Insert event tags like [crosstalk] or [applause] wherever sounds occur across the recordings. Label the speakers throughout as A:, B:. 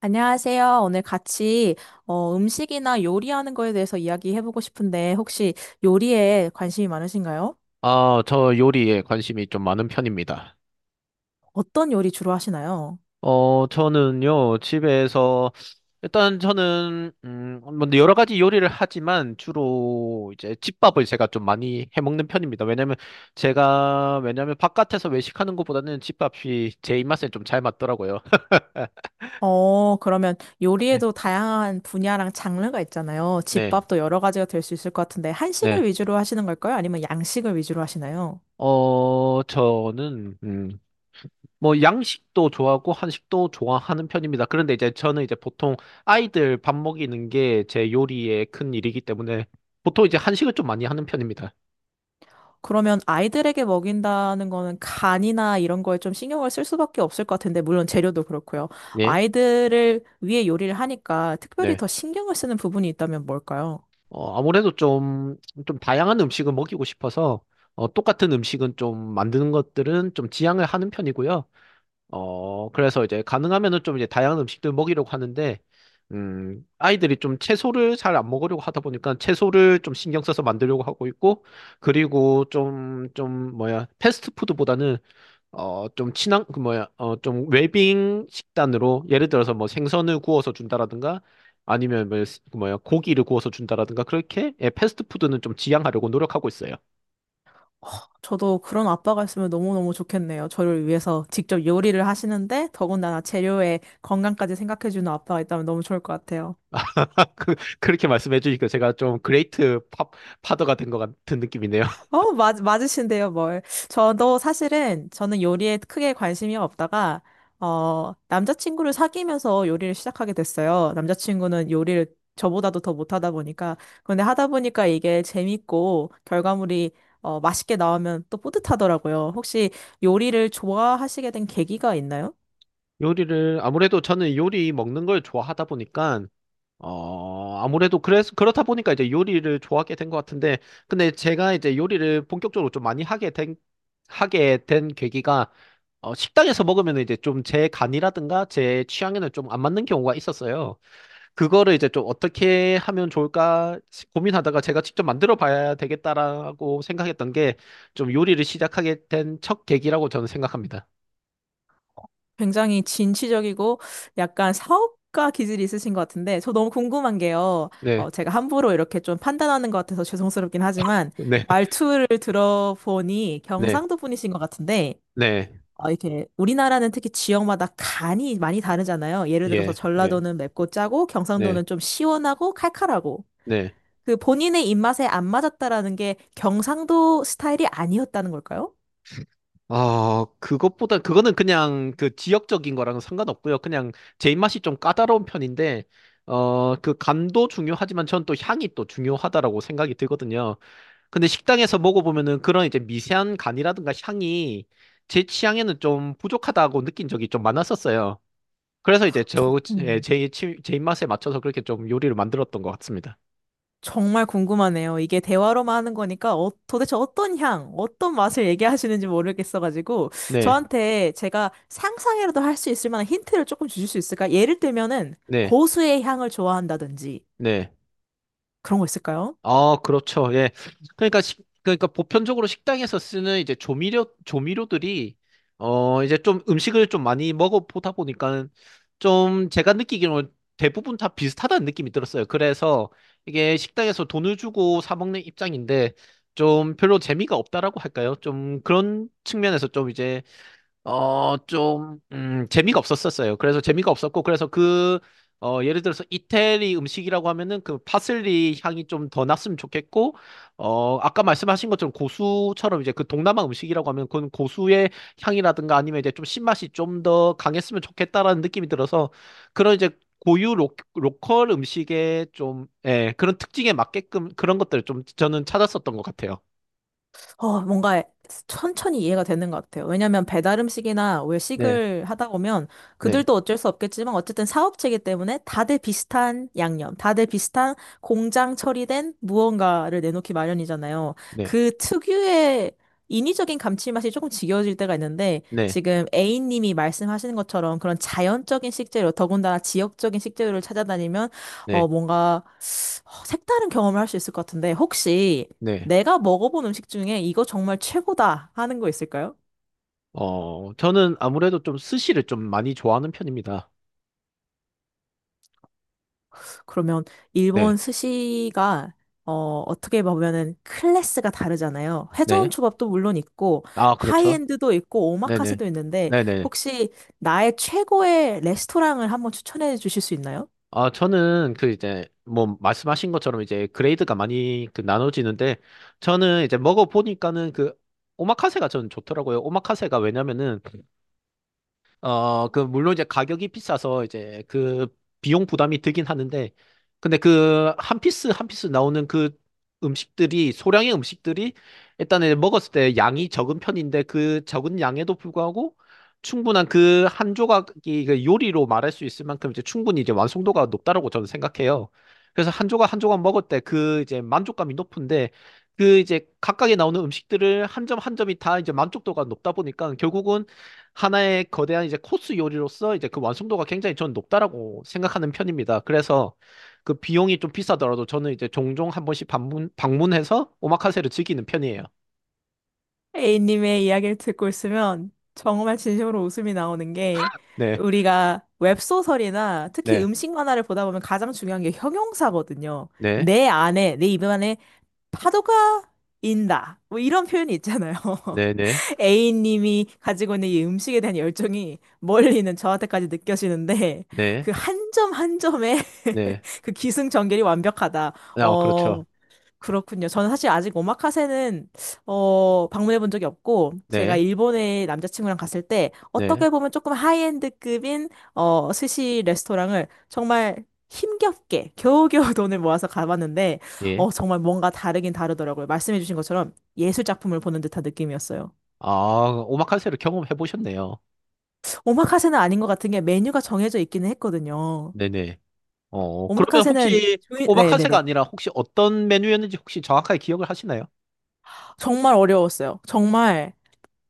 A: 안녕하세요. 오늘 같이 음식이나 요리하는 거에 대해서 이야기해보고 싶은데 혹시 요리에 관심이 많으신가요?
B: 아, 저 요리에 관심이 좀 많은 편입니다.
A: 어떤 요리 주로 하시나요?
B: 저는요, 집에서, 일단 저는, 뭐 여러 가지 요리를 하지만 주로 이제 집밥을 제가 좀 많이 해 먹는 편입니다. 왜냐면 제가, 왜냐면 바깥에서 외식하는 것보다는 집밥이 제 입맛에 좀 잘 맞더라고요. [laughs]
A: 그러면
B: 네,
A: 요리에도 다양한 분야랑 장르가 있잖아요.
B: 네.
A: 집밥도 여러 가지가 될 수 있을 것 같은데
B: 네.
A: 한식을 위주로 하시는 걸까요? 아니면 양식을 위주로 하시나요?
B: 저는, 뭐 양식도 좋아하고 한식도 좋아하는 편입니다. 그런데 이제 저는 보통 아이들 밥 먹이는 게 제 요리의 큰 일이기 때문에 보통 이제 한식을 좀 많이 하는 편입니다.
A: 그러면 아이들에게 먹인다는 거는 간이나 이런 거에 좀 신경을 쓸 수밖에 없을 것 같은데, 물론 재료도 그렇고요.
B: 예.
A: 아이들을 위해 요리를 하니까 특별히
B: 네.
A: 더 신경을 쓰는 부분이 있다면 뭘까요?
B: 아무래도 좀 다양한 음식을 먹이고 싶어서 똑같은 음식은 좀 만드는 것들은 좀 지양을 하는 편이고요. 그래서 이제 가능하면은 좀 이제 다양한 음식들 먹이려고 하는데, 아이들이 좀 채소를 잘 안 먹으려고 하다 보니까 채소를 좀 신경 써서 만들려고 하고 있고, 그리고 뭐야, 패스트푸드보다는, 좀 친한, 그 뭐야, 좀 웰빙 식단으로, 예를 들어서 뭐 생선을 구워서 준다라든가, 아니면 뭐, 그 뭐야, 고기를 구워서 준다라든가, 그렇게, 예, 패스트푸드는 좀 지양하려고 노력하고 있어요.
A: 허, 저도 그런 아빠가 있으면 너무너무 좋겠네요. 저를 위해서 직접 요리를 하시는데, 더군다나 재료의 건강까지 생각해주는 아빠가 있다면 너무 좋을 것 같아요.
B: [laughs] 그, 그렇게 말씀해 주니까 제가 좀 그레이트 팝, 파더가 된 것 같은 느낌이네요.
A: 맞으신데요, 뭘. 저도 사실은, 저는 요리에 크게 관심이 없다가, 남자친구를 사귀면서 요리를 시작하게 됐어요. 남자친구는 요리를 저보다도 더 못하다 보니까. 그런데 하다 보니까 이게 재밌고, 결과물이, 맛있게 나오면 또 뿌듯하더라고요. 혹시 요리를 좋아하시게 된 계기가 있나요?
B: 요리를 아무래도 저는 요리 먹는 걸 좋아하다 보니까 아무래도 그래서 그렇다 보니까 이제 요리를 좋아하게 된 것 같은데 근데 제가 이제 요리를 본격적으로 좀 많이 하게 된 계기가 식당에서 먹으면 이제 좀 제 간이라든가 제 취향에는 좀 안 맞는 경우가 있었어요. 그거를 이제 좀 어떻게 하면 좋을까 고민하다가 제가 직접 만들어 봐야 되겠다라고 생각했던 게 좀 요리를 시작하게 된 첫 계기라고 저는 생각합니다.
A: 굉장히 진취적이고 약간 사업가 기질이 있으신 것 같은데 저 너무 궁금한 게요.
B: 네,
A: 제가 함부로 이렇게 좀 판단하는 것 같아서 죄송스럽긴 하지만
B: 네,
A: 말투를 들어보니
B: 네,
A: 경상도 분이신 것 같은데
B: 네.
A: 이렇게 우리나라는 특히 지역마다 간이 많이 다르잖아요. 예를 들어서
B: 예, 예,
A: 전라도는 맵고 짜고
B: 네,
A: 경상도는 좀 시원하고 칼칼하고
B: 네.
A: 그 본인의 입맛에 안 맞았다라는 게 경상도 스타일이 아니었다는 걸까요?
B: 아, 그것보다, 그거는 그냥 그 지역적인 거랑은 상관없고요. 그냥 제 입맛이 좀 까다로운 편인데, 그 간도 중요하지만 전 또 향이 또 중요하다라고 생각이 들거든요. 근데 식당에서 먹어보면은 그런 이제 미세한 간이라든가 향이 제 취향에는 좀 부족하다고 느낀 적이 좀 많았었어요. 그래서 이제
A: 저,
B: 제 입맛에 맞춰서 그렇게 좀 요리를 만들었던 것 같습니다.
A: 정말 궁금하네요. 이게 대화로만 하는 거니까 도대체 어떤 향, 어떤 맛을 얘기하시는지 모르겠어가지고
B: 네,
A: 저한테 제가 상상이라도 할 수 있을 만한 힌트를 조금 주실 수 있을까? 예를 들면은
B: 네,
A: 고수의 향을 좋아한다든지
B: 네.
A: 그런 거 있을까요?
B: 아, 그렇죠. 예. 그러니까 그러니까 보편적으로 식당에서 쓰는 이제 조미료들이 이제 좀 음식을 좀 많이 먹어 보다 보니까 좀 제가 느끼기로는 대부분 다 비슷하다는 느낌이 들었어요. 그래서 이게 식당에서 돈을 주고 사 먹는 입장인데 좀 별로 재미가 없다라고 할까요? 좀 그런 측면에서 좀 이제 재미가 없었었어요. 그래서 재미가 없었고, 그래서 예를 들어서 이태리 음식이라고 하면은 그 파슬리 향이 좀 더 났으면 좋겠고, 아까 말씀하신 것처럼 고수처럼 이제 그 동남아 음식이라고 하면 그건 고수의 향이라든가 아니면 이제 좀 신맛이 좀 더 강했으면 좋겠다라는 느낌이 들어서 그런 이제 고유 로컬 음식의 좀, 예, 그런 특징에 맞게끔 그런 것들을 좀 저는 찾았었던 것 같아요.
A: 뭔가 천천히 이해가 되는 것 같아요. 왜냐면 배달 음식이나
B: 네,
A: 외식을 하다 보면
B: 네,
A: 그들도 어쩔 수 없겠지만 어쨌든 사업체이기 때문에 다들 비슷한 양념, 다들 비슷한 공장 처리된 무언가를 내놓기 마련이잖아요.
B: 네,
A: 그 특유의 인위적인 감칠맛이 조금 지겨워질 때가 있는데
B: 네,
A: 지금 A님이 말씀하시는 것처럼 그런 자연적인 식재료, 더군다나 지역적인 식재료를 찾아다니면
B: 네,
A: 뭔가 색다른 경험을 할 수 있을 것 같은데, 혹시
B: 네.
A: 내가 먹어본 음식 중에 이거 정말 최고다 하는 거 있을까요?
B: 저는 아무래도 좀 스시를 좀 많이 좋아하는 편입니다.
A: 그러면
B: 네,
A: 일본 스시가 어떻게 보면은 클래스가 다르잖아요. 회전
B: 네.
A: 초밥도 물론 있고
B: 아, 그렇죠.
A: 하이엔드도 있고
B: 네네.
A: 오마카세도 있는데
B: 네네.
A: 혹시 나의 최고의 레스토랑을 한번 추천해 주실 수 있나요?
B: 아, 저는 그 이제 뭐 말씀하신 것처럼 이제 그레이드가 많이 그 나눠지는데 저는 이제 먹어보니까는 그 오마카세가 저는 좋더라고요. 오마카세가 왜냐면은 물론 이제 가격이 비싸서 이제 그 비용 부담이 들긴 하는데, 근데 그 한 피스 한 피스 나오는 그 음식들이, 소량의 음식들이 일단은 먹었을 때 양이 적은 편인데 그 적은 양에도 불구하고 충분한 그 한 조각이 그 요리로 말할 수 있을 만큼 이제 충분히 이제 완성도가 높다라고 저는 생각해요. 그래서 한 조각 한 조각 먹을 때 그 이제 만족감이 높은데 그 이제 각각에 나오는 음식들을 한 점 한 점이 다 이제 만족도가 높다 보니까 결국은 하나의 거대한 이제 코스 요리로서 이제 그 완성도가 굉장히 저는 높다라고 생각하는 편입니다. 그래서 그 비용이 좀 비싸더라도 저는 이제 종종 한 번씩 방문해서 오마카세를 즐기는 편이에요.
A: A님의 이야기를 듣고 있으면 정말 진심으로 웃음이 나오는 게
B: 네,
A: 우리가 웹소설이나 특히
B: 네,
A: 음식 만화를 보다 보면 가장 중요한 게 형용사거든요.
B: 네,
A: 내 안에, 내 입 안에 파도가 인다. 뭐 이런 표현이 있잖아요.
B: 네, 네,
A: [laughs] A님이 가지고 있는 이 음식에 대한 열정이 멀리 있는 저한테까지 느껴지는데
B: 네,
A: 그 한 점 한 점의
B: 네.
A: [laughs] 그 기승전결이 완벽하다.
B: 아,
A: 어,
B: 그렇죠.
A: 그렇군요. 저는 사실 아직 오마카세는 방문해 본 적이 없고 제가
B: 네,
A: 일본에 남자친구랑 갔을 때
B: 네,
A: 어떻게 보면 조금 하이엔드급인 스시 레스토랑을 정말 힘겹게 겨우겨우 [laughs] 돈을 모아서 가봤는데
B: 예.
A: 정말 뭔가 다르긴 다르더라고요. 말씀해 주신 것처럼 예술 작품을 보는 듯한 느낌이었어요.
B: 아, 오마카세를 경험해 보셨네요.
A: 오마카세는 아닌 것 같은 게 메뉴가 정해져 있기는 했거든요.
B: 네네. 그러면
A: 오마카세는
B: 혹시 오마카세가
A: 네네네.
B: 아니라 혹시 어떤 메뉴였는지 혹시 정확하게 기억을 하시나요?
A: 정말 어려웠어요. 정말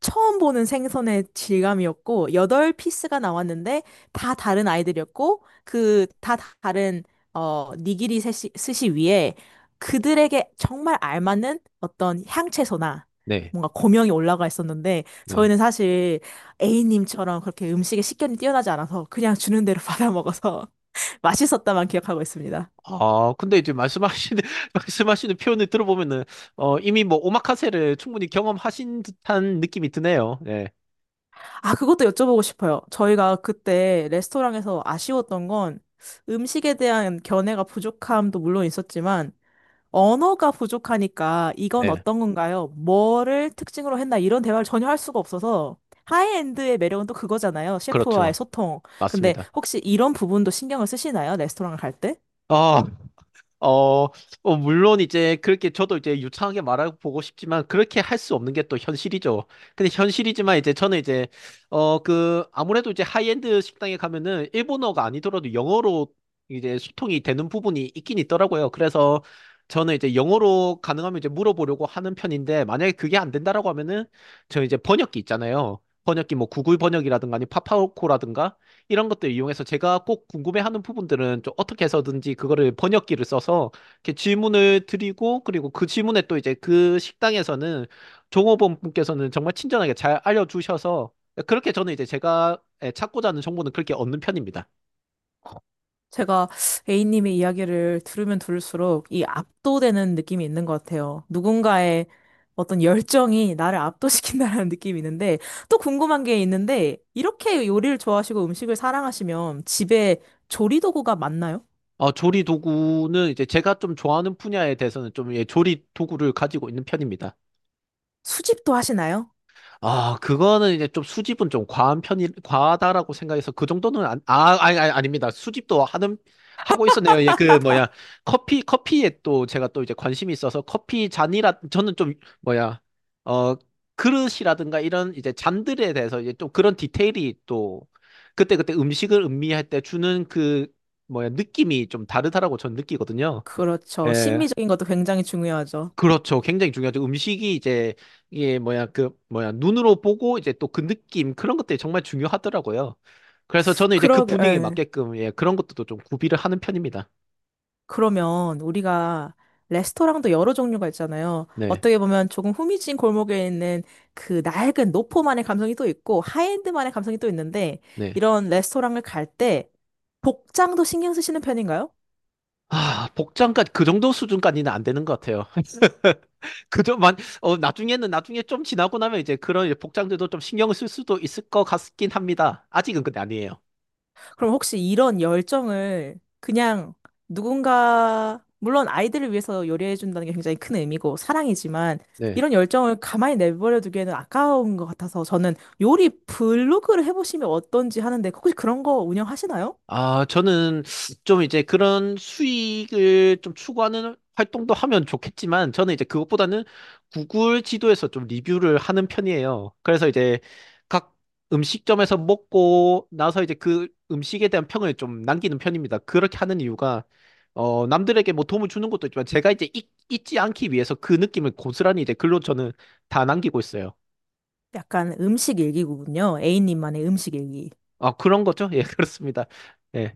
A: 처음 보는 생선의 질감이었고, 여덟 피스가 나왔는데, 다 다른 아이들이었고, 그, 다 다른, 니기리 스시, 스시 위에 그들에게 정말 알맞는 어떤 향채소나
B: 네,
A: 뭔가 고명이 올라가 있었는데,
B: 네.
A: 저희는 사실 A님처럼 그렇게 음식에 식견이 뛰어나지 않아서 그냥 주는 대로 받아 먹어서 [laughs] 맛있었다만 기억하고 있습니다.
B: 아, 근데 이제 말씀하시는, [laughs] 말씀하시는 표현을 들어보면은, 이미 뭐, 오마카세를 충분히 경험하신 듯한 느낌이 드네요. 네,
A: 아, 그것도 여쭤보고 싶어요. 저희가 그때 레스토랑에서 아쉬웠던 건 음식에 대한 견해가 부족함도 물론 있었지만 언어가 부족하니까 이건
B: 네,
A: 어떤 건가요? 뭐를 특징으로 했나? 이런 대화를 전혀 할 수가 없어서 하이엔드의 매력은 또 그거잖아요.
B: 그렇죠.
A: 셰프와의 소통. 근데
B: 맞습니다.
A: 혹시 이런 부분도 신경을 쓰시나요? 레스토랑을 갈 때?
B: 아, 어, 물론 이제 그렇게 저도 이제 유창하게 말하고 보고 싶지만 그렇게 할 수 없는 게 또 현실이죠. 근데 현실이지만 이제 저는 이제 아무래도 이제 하이엔드 식당에 가면은 일본어가 아니더라도 영어로 이제 소통이 되는 부분이 있긴 있더라고요. 그래서 저는 이제 영어로 가능하면 이제 물어보려고 하는 편인데 만약에 그게 안 된다라고 하면은 저 이제 번역기 있잖아요. 번역기 뭐 구글 번역이라든가 아니 파파고라든가 이런 것들 이용해서 제가 꼭 궁금해하는 부분들은 좀 어떻게 해서든지 그거를 번역기를 써서 이렇게 질문을 드리고 그리고 그 질문에 또 이제 그 식당에서는 종업원 분께서는 정말 친절하게 잘 알려주셔서 그렇게 저는 이제 제가 예, 찾고자 하는 정보는 그렇게 얻는 편입니다.
A: 제가 A님의 이야기를 들으면 들을수록 이 압도되는 느낌이 있는 것 같아요. 누군가의 어떤 열정이 나를 압도시킨다라는 [laughs] 느낌이 있는데, 또 궁금한 게 있는데, 이렇게 요리를 좋아하시고 음식을 사랑하시면 집에 조리 도구가 많나요?
B: 조리 도구는 이제 제가 좀 좋아하는 분야에 대해서는 좀 예, 조리 도구를 가지고 있는 편입니다.
A: 수집도 하시나요?
B: 아, 그거는 이제 좀 수집은 좀 과하다라고 생각해서 그 정도는 안, 아, 아니, 아니, 아닙니다. 수집도 하고 있었네요. 예, 그, 뭐야, 커피에 또 제가 또 이제 관심이 있어서 저는 좀, 뭐야, 어, 그릇이라든가 이런 이제 잔들에 대해서 이제 좀 그런 디테일이 또 그때그때 음식을 음미할 때 주는 그, 뭐야, 느낌이 좀 다르다라고 저는 느끼거든요.
A: 그렇죠.
B: 예.
A: 심미적인 것도 굉장히 중요하죠.
B: 그렇죠. 굉장히 중요하죠. 음식이 이제 이게 뭐야 그 뭐야 눈으로 보고 이제 또 그 느낌 그런 것들이 정말 중요하더라고요. 그래서 저는 이제 그
A: 그러게,
B: 분위기에
A: 예.
B: 맞게끔 예 그런 것도 좀 구비를 하는 편입니다.
A: 그러면 우리가 레스토랑도 여러 종류가 있잖아요.
B: 네,
A: 어떻게 보면 조금 후미진 골목에 있는 그 낡은 노포만의 감성이 또 있고 하이엔드만의 감성이 또 있는데
B: 네.
A: 이런 레스토랑을 갈 때 복장도 신경 쓰시는 편인가요?
B: 아 복장까지 그 정도 수준까지는 안 되는 것 같아요. [laughs] 그저만 어 나중에 좀 지나고 나면 이제 그런 이제 복장들도 좀 신경을 쓸 수도 있을 것 같긴 합니다. 아직은 근데 아니에요.
A: 그럼 혹시 이런 열정을 그냥 누군가 물론 아이들을 위해서 요리해 준다는 게 굉장히 큰 의미고 사랑이지만
B: 네.
A: 이런 열정을 가만히 내버려 두기에는 아까운 것 같아서 저는 요리 블로그를 해보시면 어떤지 하는데 혹시 그런 거 운영하시나요?
B: 아, 저는 좀 이제 그런 수익을 좀 추구하는 활동도 하면 좋겠지만, 저는 이제 그것보다는 구글 지도에서 좀 리뷰를 하는 편이에요. 그래서 이제 각 음식점에서 먹고 나서 이제 그 음식에 대한 평을 좀 남기는 편입니다. 그렇게 하는 이유가, 남들에게 뭐 도움을 주는 것도 있지만, 제가 이제 잊지 않기 위해서 그 느낌을 고스란히 이제 글로 저는 다 남기고 있어요.
A: 약간 음식 일기구군요. A님만의 음식 일기.
B: 아, 그런 거죠? 예, [laughs] 그렇습니다. 네,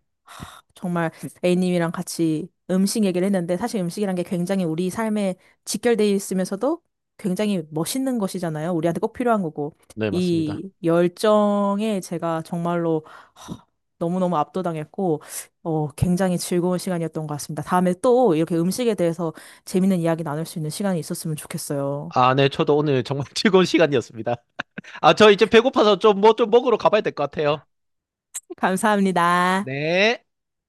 A: 정말 A님이랑 같이 음식 얘기를 했는데 사실 음식이란 게 굉장히 우리 삶에 직결되어 있으면서도 굉장히 멋있는 것이잖아요. 우리한테 꼭 필요한 거고.
B: 네, 맞습니다.
A: 이 열정에 제가 정말로 허, 너무너무 압도당했고, 굉장히 즐거운 시간이었던 것 같습니다. 다음에 또 이렇게 음식에 대해서 재밌는 이야기 나눌 수 있는 시간이 있었으면 좋겠어요.
B: 아, 네, 저도 오늘 정말 [laughs] 즐거운 시간이었습니다. 아, 저 이제 배고파서 좀 뭐 좀 먹으러 가봐야 될 것 같아요.
A: [laughs] 감사합니다.
B: 네.